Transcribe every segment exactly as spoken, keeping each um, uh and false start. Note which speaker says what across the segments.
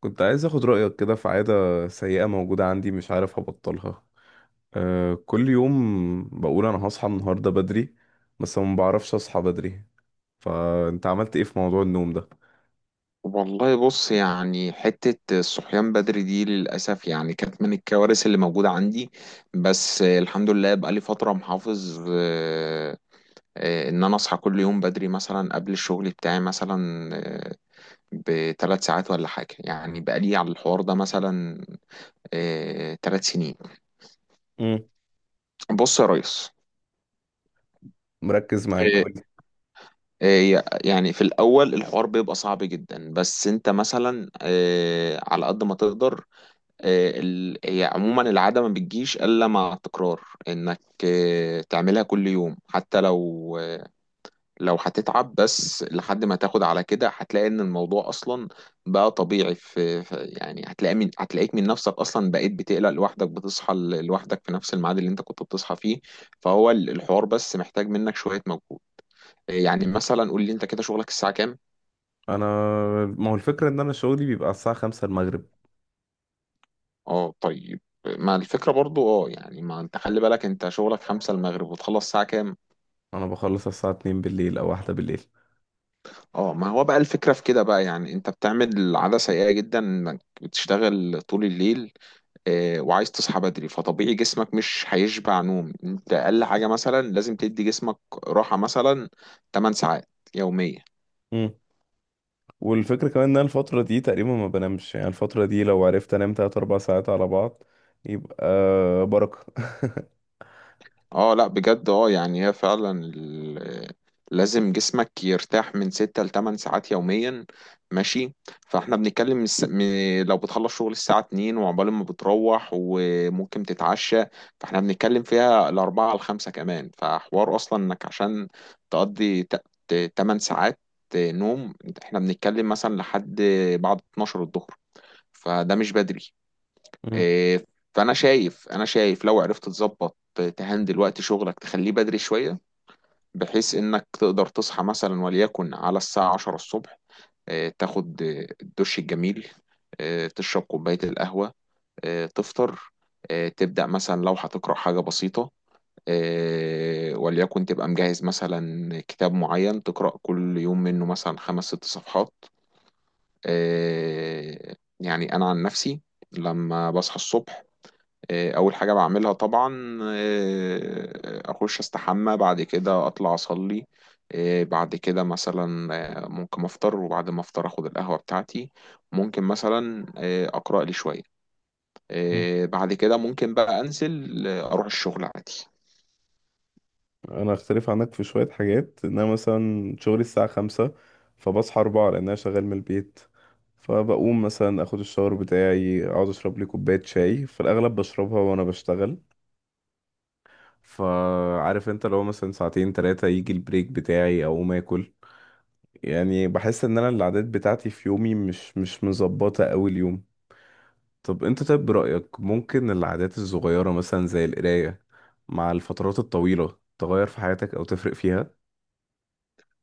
Speaker 1: كنت عايز اخد رأيك كده في عادة سيئة موجودة عندي، مش عارف ابطلها. أه كل يوم بقول انا هصحى النهاردة بدري، بس ما بعرفش اصحى بدري. فانت عملت ايه في موضوع النوم ده؟
Speaker 2: والله بص، يعني حتة الصحيان بدري دي للأسف يعني كانت من الكوارث اللي موجودة عندي. بس الحمد لله بقالي فترة محافظ، آه، آه، إن أنا أصحى كل يوم بدري، مثلا قبل الشغل بتاعي مثلا آه، بثلاث ساعات ولا حاجة. يعني بقالي على الحوار ده مثلا آه، ثلاث سنين.
Speaker 1: امم.
Speaker 2: بص يا ريس،
Speaker 1: مركز معاك، قولي.
Speaker 2: آه، آه، يعني في الأول الحوار بيبقى صعب جدا، بس أنت مثلا آه، على قد ما تقدر. آه، ال- هي عموما العادة ما بتجيش إلا مع التكرار، إنك آه، تعملها كل يوم، حتى لو آه، لو هتتعب، بس لحد ما تاخد على كده هتلاقي إن الموضوع أصلا بقى طبيعي. في في- يعني هتلاقي من هتلاقيك من نفسك أصلا بقيت بتقلق لوحدك، بتصحى ل- لوحدك في نفس الميعاد اللي أنت كنت بتصحى فيه. فهو ال- الحوار بس محتاج منك شوية مجهود. آه، يعني مثلا قول لي، أنت كده شغلك الساعة كام؟
Speaker 1: انا ما هو الفكرة ان انا شغلي بيبقى الساعة خمسة المغرب.
Speaker 2: أه طيب، ما الفكرة برضو، اه يعني ما انت خلي بالك، انت شغلك خمسة المغرب، وتخلص الساعة كام؟
Speaker 1: انا بخلص الساعة اتنين بالليل او واحدة بالليل.
Speaker 2: اه ما هو بقى الفكرة في كده بقى، يعني انت بتعمل عادة سيئة جدا، انك بتشتغل طول الليل آه، وعايز تصحى بدري. فطبيعي جسمك مش هيشبع نوم. انت اقل حاجة مثلا لازم تدي جسمك راحة، مثلا ثماني ساعات يومية.
Speaker 1: امم. والفكرة كمان ان انا الفترة دي تقريبا ما بنامش، يعني الفترة دي لو عرفت انام تلات اربع ساعات على بعض يبقى بركة.
Speaker 2: اه لا بجد، اه يعني هي فعلا ال- لازم جسمك يرتاح من ستة لتمن ساعات يوميا، ماشي؟ فاحنا بنتكلم من الس- من- لو بتخلص شغل الساعة اتنين، وعقبال ما بتروح وممكن تتعشى، فاحنا بنتكلم فيها الأربعة لخمسة كمان. فحوار أصلا إنك عشان تقضي ت- ت- تمن ساعات نوم، احنا بنتكلم مثلا لحد بعد اتناشر الظهر، فده مش بدري. إيه، فانا شايف، انا شايف لو عرفت تظبط، تهندل وقت شغلك، تخليه بدري شويه، بحيث انك تقدر تصحى مثلا وليكن على الساعه عشرة الصبح. إيه، تاخد إيه، الدش الجميل، إيه، تشرب كوبايه القهوه، إيه، تفطر، إيه، تبدا مثلا لو هتقرا حاجه بسيطه، إيه، وليكن تبقى مجهز مثلا كتاب معين تقرا كل يوم منه مثلا خمس ست صفحات. إيه، يعني انا عن نفسي لما بصحى الصبح، آه، اول حاجه بعملها طبعا آه، اخش استحمى، بعد كده اطلع اصلي، آه، بعد كده مثلا آه، ممكن افطر، وبعد ما افطر اخد القهوه بتاعتي، ممكن مثلا آه، اقرا لي شويه،
Speaker 1: مم.
Speaker 2: آه، بعد كده ممكن بقى انزل آه، اروح الشغل عادي.
Speaker 1: انا اختلف عنك في شوية حاجات، ان انا مثلا شغلي الساعة خمسة فبصحى اربعة لان انا شغال من البيت. فبقوم مثلا اخد الشاور بتاعي، اقعد اشرب لي كوباية شاي، في الاغلب بشربها وانا بشتغل. فعارف انت لو مثلا ساعتين تلاتة يجي البريك بتاعي اقوم اكل. يعني بحس ان انا العادات بتاعتي في يومي مش مش مظبطة اوي اليوم. طب انت طيب برأيك ممكن العادات الصغيرة مثلا زي القراية مع الفترات الطويلة تغير في حياتك او تفرق فيها؟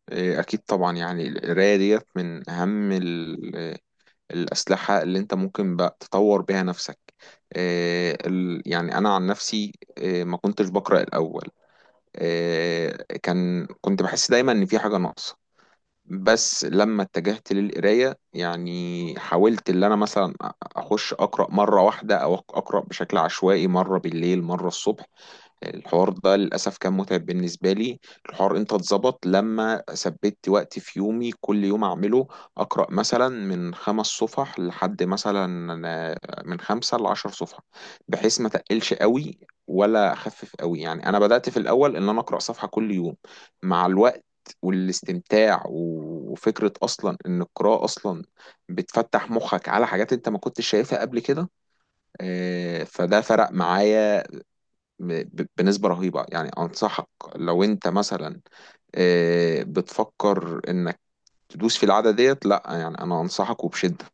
Speaker 2: آه، اكيد طبعا، يعني القرايه ديت من اهم ال- آه، الاسلحه اللي انت ممكن بقى تطور بيها نفسك. آه، ال- يعني انا عن نفسي آه، ما كنتش بقرا الاول. آه، كان كنت بحس دايما ان في حاجة ناقصة، بس لما اتجهت للقراية، يعني حاولت اللي انا مثلا اخش اقرأ مرة واحدة، او اقرأ بشكل عشوائي، مرة بالليل مرة الصبح. الحوار ده للأسف كان متعب بالنسبة لي. الحوار امتى اتظبط؟ لما ثبت وقت في يومي كل يوم أعمله. أقرأ مثلا من خمس صفح لحد مثلا آه، من خمسة لعشر صفحة، بحيث ما تقلش قوي ولا أخفف قوي. يعني أنا بدأت في الأول إن أنا أقرأ صفحة كل يوم، مع الوقت والاستمتاع، و- وفكرة أصلا إن القراءة أصلا بتفتح مخك على حاجات أنت ما كنتش شايفها قبل كده. آه، فده فرق معايا م- ب- بنسبة رهيبة. يعني أنصحك لو أنت مثلا آه، بتفكر إنك تدوس في العادة ديت، لأ، يعني أنا أنصحك وبشدة.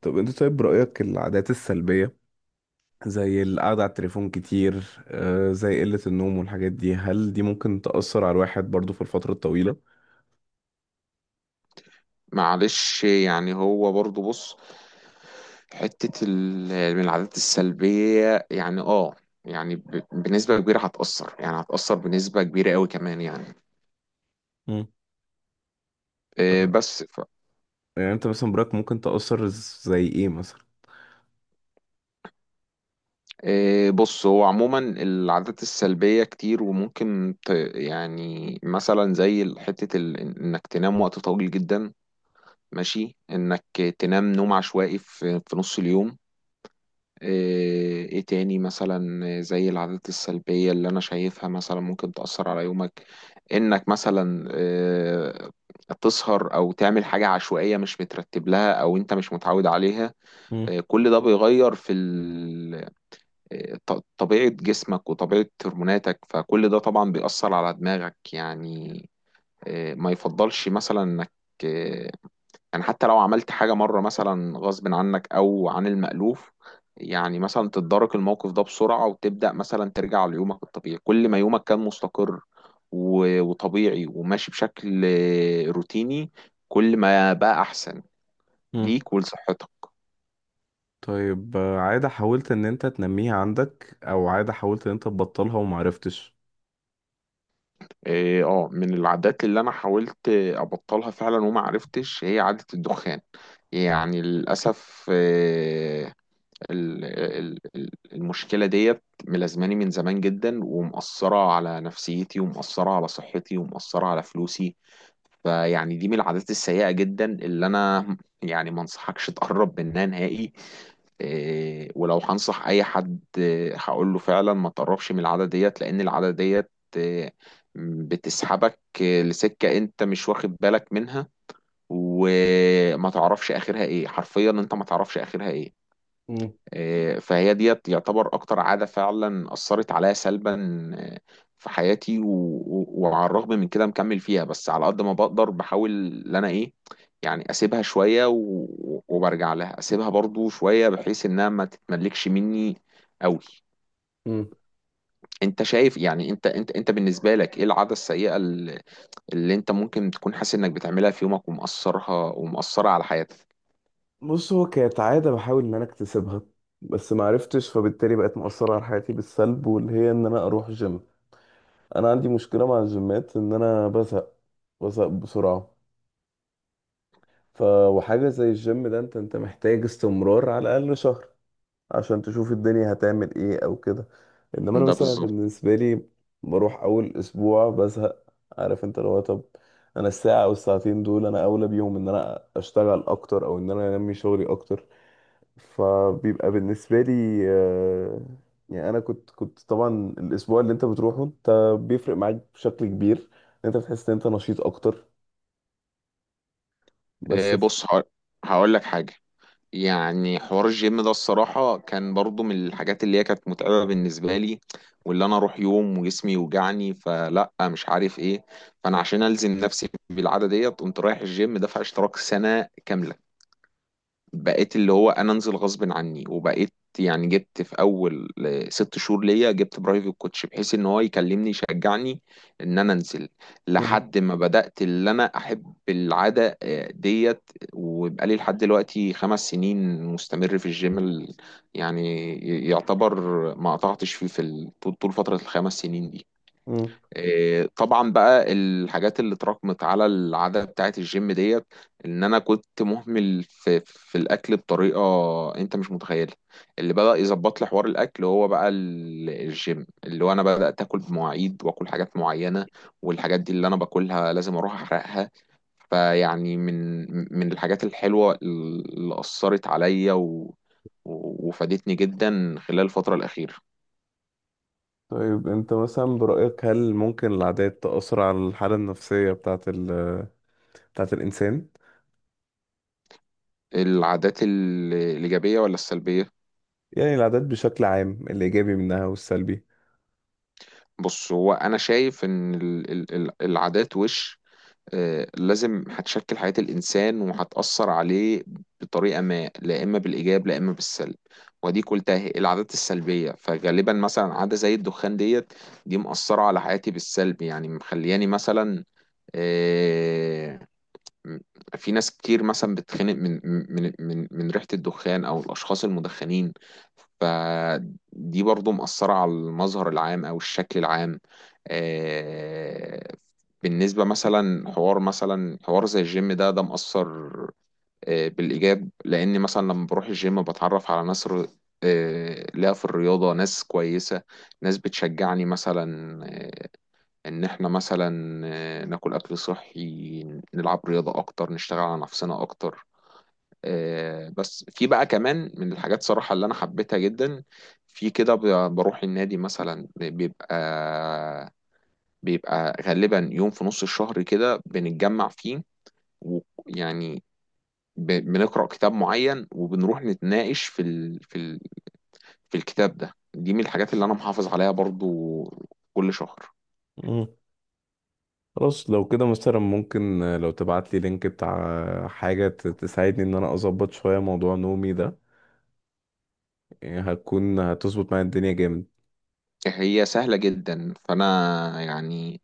Speaker 1: طب انت طيب رأيك العادات السلبية زي القعدة على التليفون كتير، آه، زي قلة النوم والحاجات دي، هل دي ممكن تأثر على الواحد برضو في الفترة الطويلة؟
Speaker 2: معلش، يعني هو برضو بص، حتة ال- من العادات السلبية، يعني اه، يعني ب- بنسبة كبيرة هتأثر، يعني هتأثر بنسبة كبيرة قوي كمان يعني.
Speaker 1: مم.
Speaker 2: آه، بس ف...
Speaker 1: يعني انت مثلا برأيك ممكن تأثر زي ايه مثلا؟
Speaker 2: آه، بص، هو عموما العادات السلبية كتير، وممكن ت... يعني مثلا زي حتة ال... انك تنام وقت طويل جدا، ماشي، انك تنام نوم عشوائي في في نص اليوم. ايه إيه تاني؟ مثلا زي العادات السلبية اللي انا شايفها مثلا ممكن تأثر على يومك، انك مثلا إيه، تسهر او تعمل حاجة عشوائية مش مترتب لها، او انت مش متعود عليها.
Speaker 1: مم.
Speaker 2: إيه، كل ده بيغير في ال- إيه ط- طبيعة جسمك وطبيعة هرموناتك، فكل ده طبعا بيأثر على دماغك يعني. إيه، ما يفضلش مثلا انك آه، يعني حتى لو عملت حاجة مرة مثلا غصب عنك أو عن المألوف، يعني مثلا تتدارك الموقف ده بسرعة، وتبدأ مثلا ترجع ليومك الطبيعي. كل ما يومك كان مستقر و- وطبيعي وماشي بشكل آه، روتيني، كل ما بقى أحسن
Speaker 1: مم.
Speaker 2: ليك ولصحتك.
Speaker 1: طيب، آه، عادة حاولت ان انت تنميها عندك او عادة حاولت ان انت تبطلها ومعرفتش؟
Speaker 2: اه، آه، من العادات اللي انا حاولت آه، ابطلها فعلا وما عرفتش، هي عادة الدخان. يعني للأسف، آه، ال- ال- ال- المشكلة ديت ملازماني من زمان جدا، ومأثرة على نفسيتي، ومأثرة على صحتي، ومأثرة على فلوسي. فيعني دي من العادات السيئة جدا اللي أنا يعني ما انصحكش تقرب منها نهائي. إيه، ولو هنصح أي حد إيه، هقول له فعلا ما تقربش من العادة ديت، لأن العادة ديت إيه، بتسحبك إيه، لسكة أنت مش واخد بالك منها، وما تعرفش آخرها إيه. حرفيا أنت ما تعرفش آخرها إيه.
Speaker 1: مم.
Speaker 2: آه، فهي ديت يعتبر اكتر عادة فعلا اثرت عليا سلبا آه، في حياتي. و... و- وعلى الرغم من كده مكمل فيها، بس على قد ما بقدر بحاول ان انا ايه، يعني اسيبها شوية و... وبرجع لها، اسيبها برضو شوية بحيث انها ما تتملكش مني قوي.
Speaker 1: مم.
Speaker 2: انت شايف، يعني انت انت انت بالنسبة لك ايه العادة السيئة اللي, اللي انت ممكن تكون حاسس انك بتعملها في يومك، ومأثرها ومأثرة على حياتك؟
Speaker 1: بص، هو كانت عادة بحاول ان انا اكتسبها بس معرفتش، فبالتالي بقت مؤثرة على حياتي بالسلب، واللي هي ان انا اروح جيم. انا عندي مشكله مع الجيمات ان انا بزهق، بزهق بسرعه. ف وحاجه زي الجيم ده انت انت محتاج استمرار على الاقل شهر عشان تشوف الدنيا هتعمل ايه او كده. انما انا
Speaker 2: ده
Speaker 1: مثلا
Speaker 2: بالظبط.
Speaker 1: بالنسبه لي بروح اول اسبوع بزهق. عارف انت لو. طب، انا الساعه او الساعتين دول انا اولى بيهم ان انا اشتغل اكتر او ان انا انمي شغلي اكتر. فبيبقى بالنسبة لي آه، يعني أنا كنت كنت طبعا الأسبوع اللي أنت بتروحه أنت بيفرق معاك بشكل كبير. أنت بتحس إن أنت نشيط أكتر. بس
Speaker 2: آه،
Speaker 1: في.
Speaker 2: بص، هقول لك حاجة، يعني حوار الجيم ده الصراحة كان برضو من الحاجات اللي هي كانت متعبة بالنسبة لي، واللي أنا أروح يوم وجسمي يوجعني فلأ مش عارف إيه. فأنا عشان ألزم نفسي بالعادة ديت قمت رايح الجيم دافع اشتراك سنة كاملة. بقيت اللي هو انا انزل غصب عني، وبقيت يعني جبت في اول ست شهور ليا جبت برايفت كوتش، بحيث ان هو يكلمني يشجعني ان انا انزل،
Speaker 1: مم.
Speaker 2: لحد ما بدأت اللي انا احب العادة آه، ديت. وبقى لي لحد دلوقتي خمس سنين مستمر في الجيم. ال- يعني يعتبر ما قطعتش فيه في ال- طول طول فترة الخمس سنين دي.
Speaker 1: مم.
Speaker 2: إيه، طبعا بقى الحاجات اللي اتراكمت على العادة بتاعت الجيم ديت، ان انا كنت مهمل في, في الاكل بطريقة انت مش متخيلها. اللي بدأ يظبط لي حوار الاكل هو بقى ال- الجيم، اللي هو انا بدأت اكل بمواعيد واكل حاجات معينة، والحاجات دي اللي انا باكلها لازم اروح احرقها. فيعني من من الحاجات الحلوة اللي أثرت عليا و وفادتني جدا خلال الفترة الأخيرة.
Speaker 1: طيب، أنت مثلا برأيك هل ممكن العادات تأثر على الحالة النفسية بتاعة ال... بتاعة الإنسان؟
Speaker 2: العادات ال- الإيجابية ولا السلبية؟
Speaker 1: يعني العادات بشكل عام، الإيجابي منها والسلبي.
Speaker 2: بص، هو انا شايف ان ال- ال- ال- العادات وش آه، لازم هتشكل حياة الانسان وهتأثر عليه بطريقة ما، لا اما بالايجاب لا اما بالسلب. ودي قلتها، هي العادات السلبية فغالبا، مثلا عادة زي الدخان ديت، دي مأثرة على حياتي بالسلب، يعني مخلياني مثلا آه، م- في ناس كتير مثلا بتتخنق من من من من ريحة الدخان او الاشخاص المدخنين، فدي برضو مأثرة على المظهر العام او الشكل العام. آه، بالنسبة مثلا حوار مثلا حوار زي الجيم ده، ده مأثر آه، بالإيجاب، لأن مثلا لما بروح الجيم بتعرف على ناس ر- آه، ليها في الرياضة، ناس كويسة، ناس بتشجعني مثلا آه، ان احنا مثلا آه، ناكل اكل صحي، نلعب رياضة اكتر، نشتغل على نفسنا اكتر. آه، بس في بقى كمان من الحاجات صراحة اللي انا حبيتها جدا في كده، ب- بروح النادي مثلا، بيبقى بيبقى غالبا يوم في نص الشهر كده بنتجمع فيه، ويعني ب- بنقرأ كتاب معين، وبنروح نتناقش في ال... في ال... في الكتاب ده. دي من الحاجات اللي انا محافظ عليها برضو كل شهر.
Speaker 1: مم. خلاص، لو كده مثلا ممكن، آه، لو تبعت لي لينك بتاع آه، حاجة ت- تساعدني إن أنا أظبط شوية موضوع نومي ده، يعني هتكون هتظبط معايا الدنيا جامد.
Speaker 2: هي سهلة جدا، فأنا يعني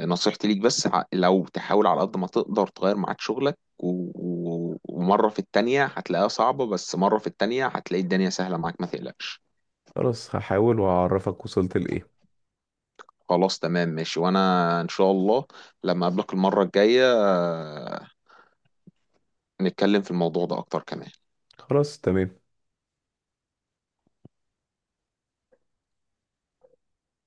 Speaker 2: نصيحتي ليك بس ع- لو تحاول على قد ما تقدر تغير ميعاد شغلك، و... و... ومرة في التانية هتلاقيها صعبة، بس مرة في التانية هتلاقي الدنيا سهلة معاك، ما تقلقش.
Speaker 1: خلاص، هحاول وهعرفك وصلت لإيه.
Speaker 2: خلاص تمام ماشي، وانا ان شاء الله لما اقابلك المرة الجاية آه، نتكلم في الموضوع ده اكتر كمان.
Speaker 1: خلاص، تمام.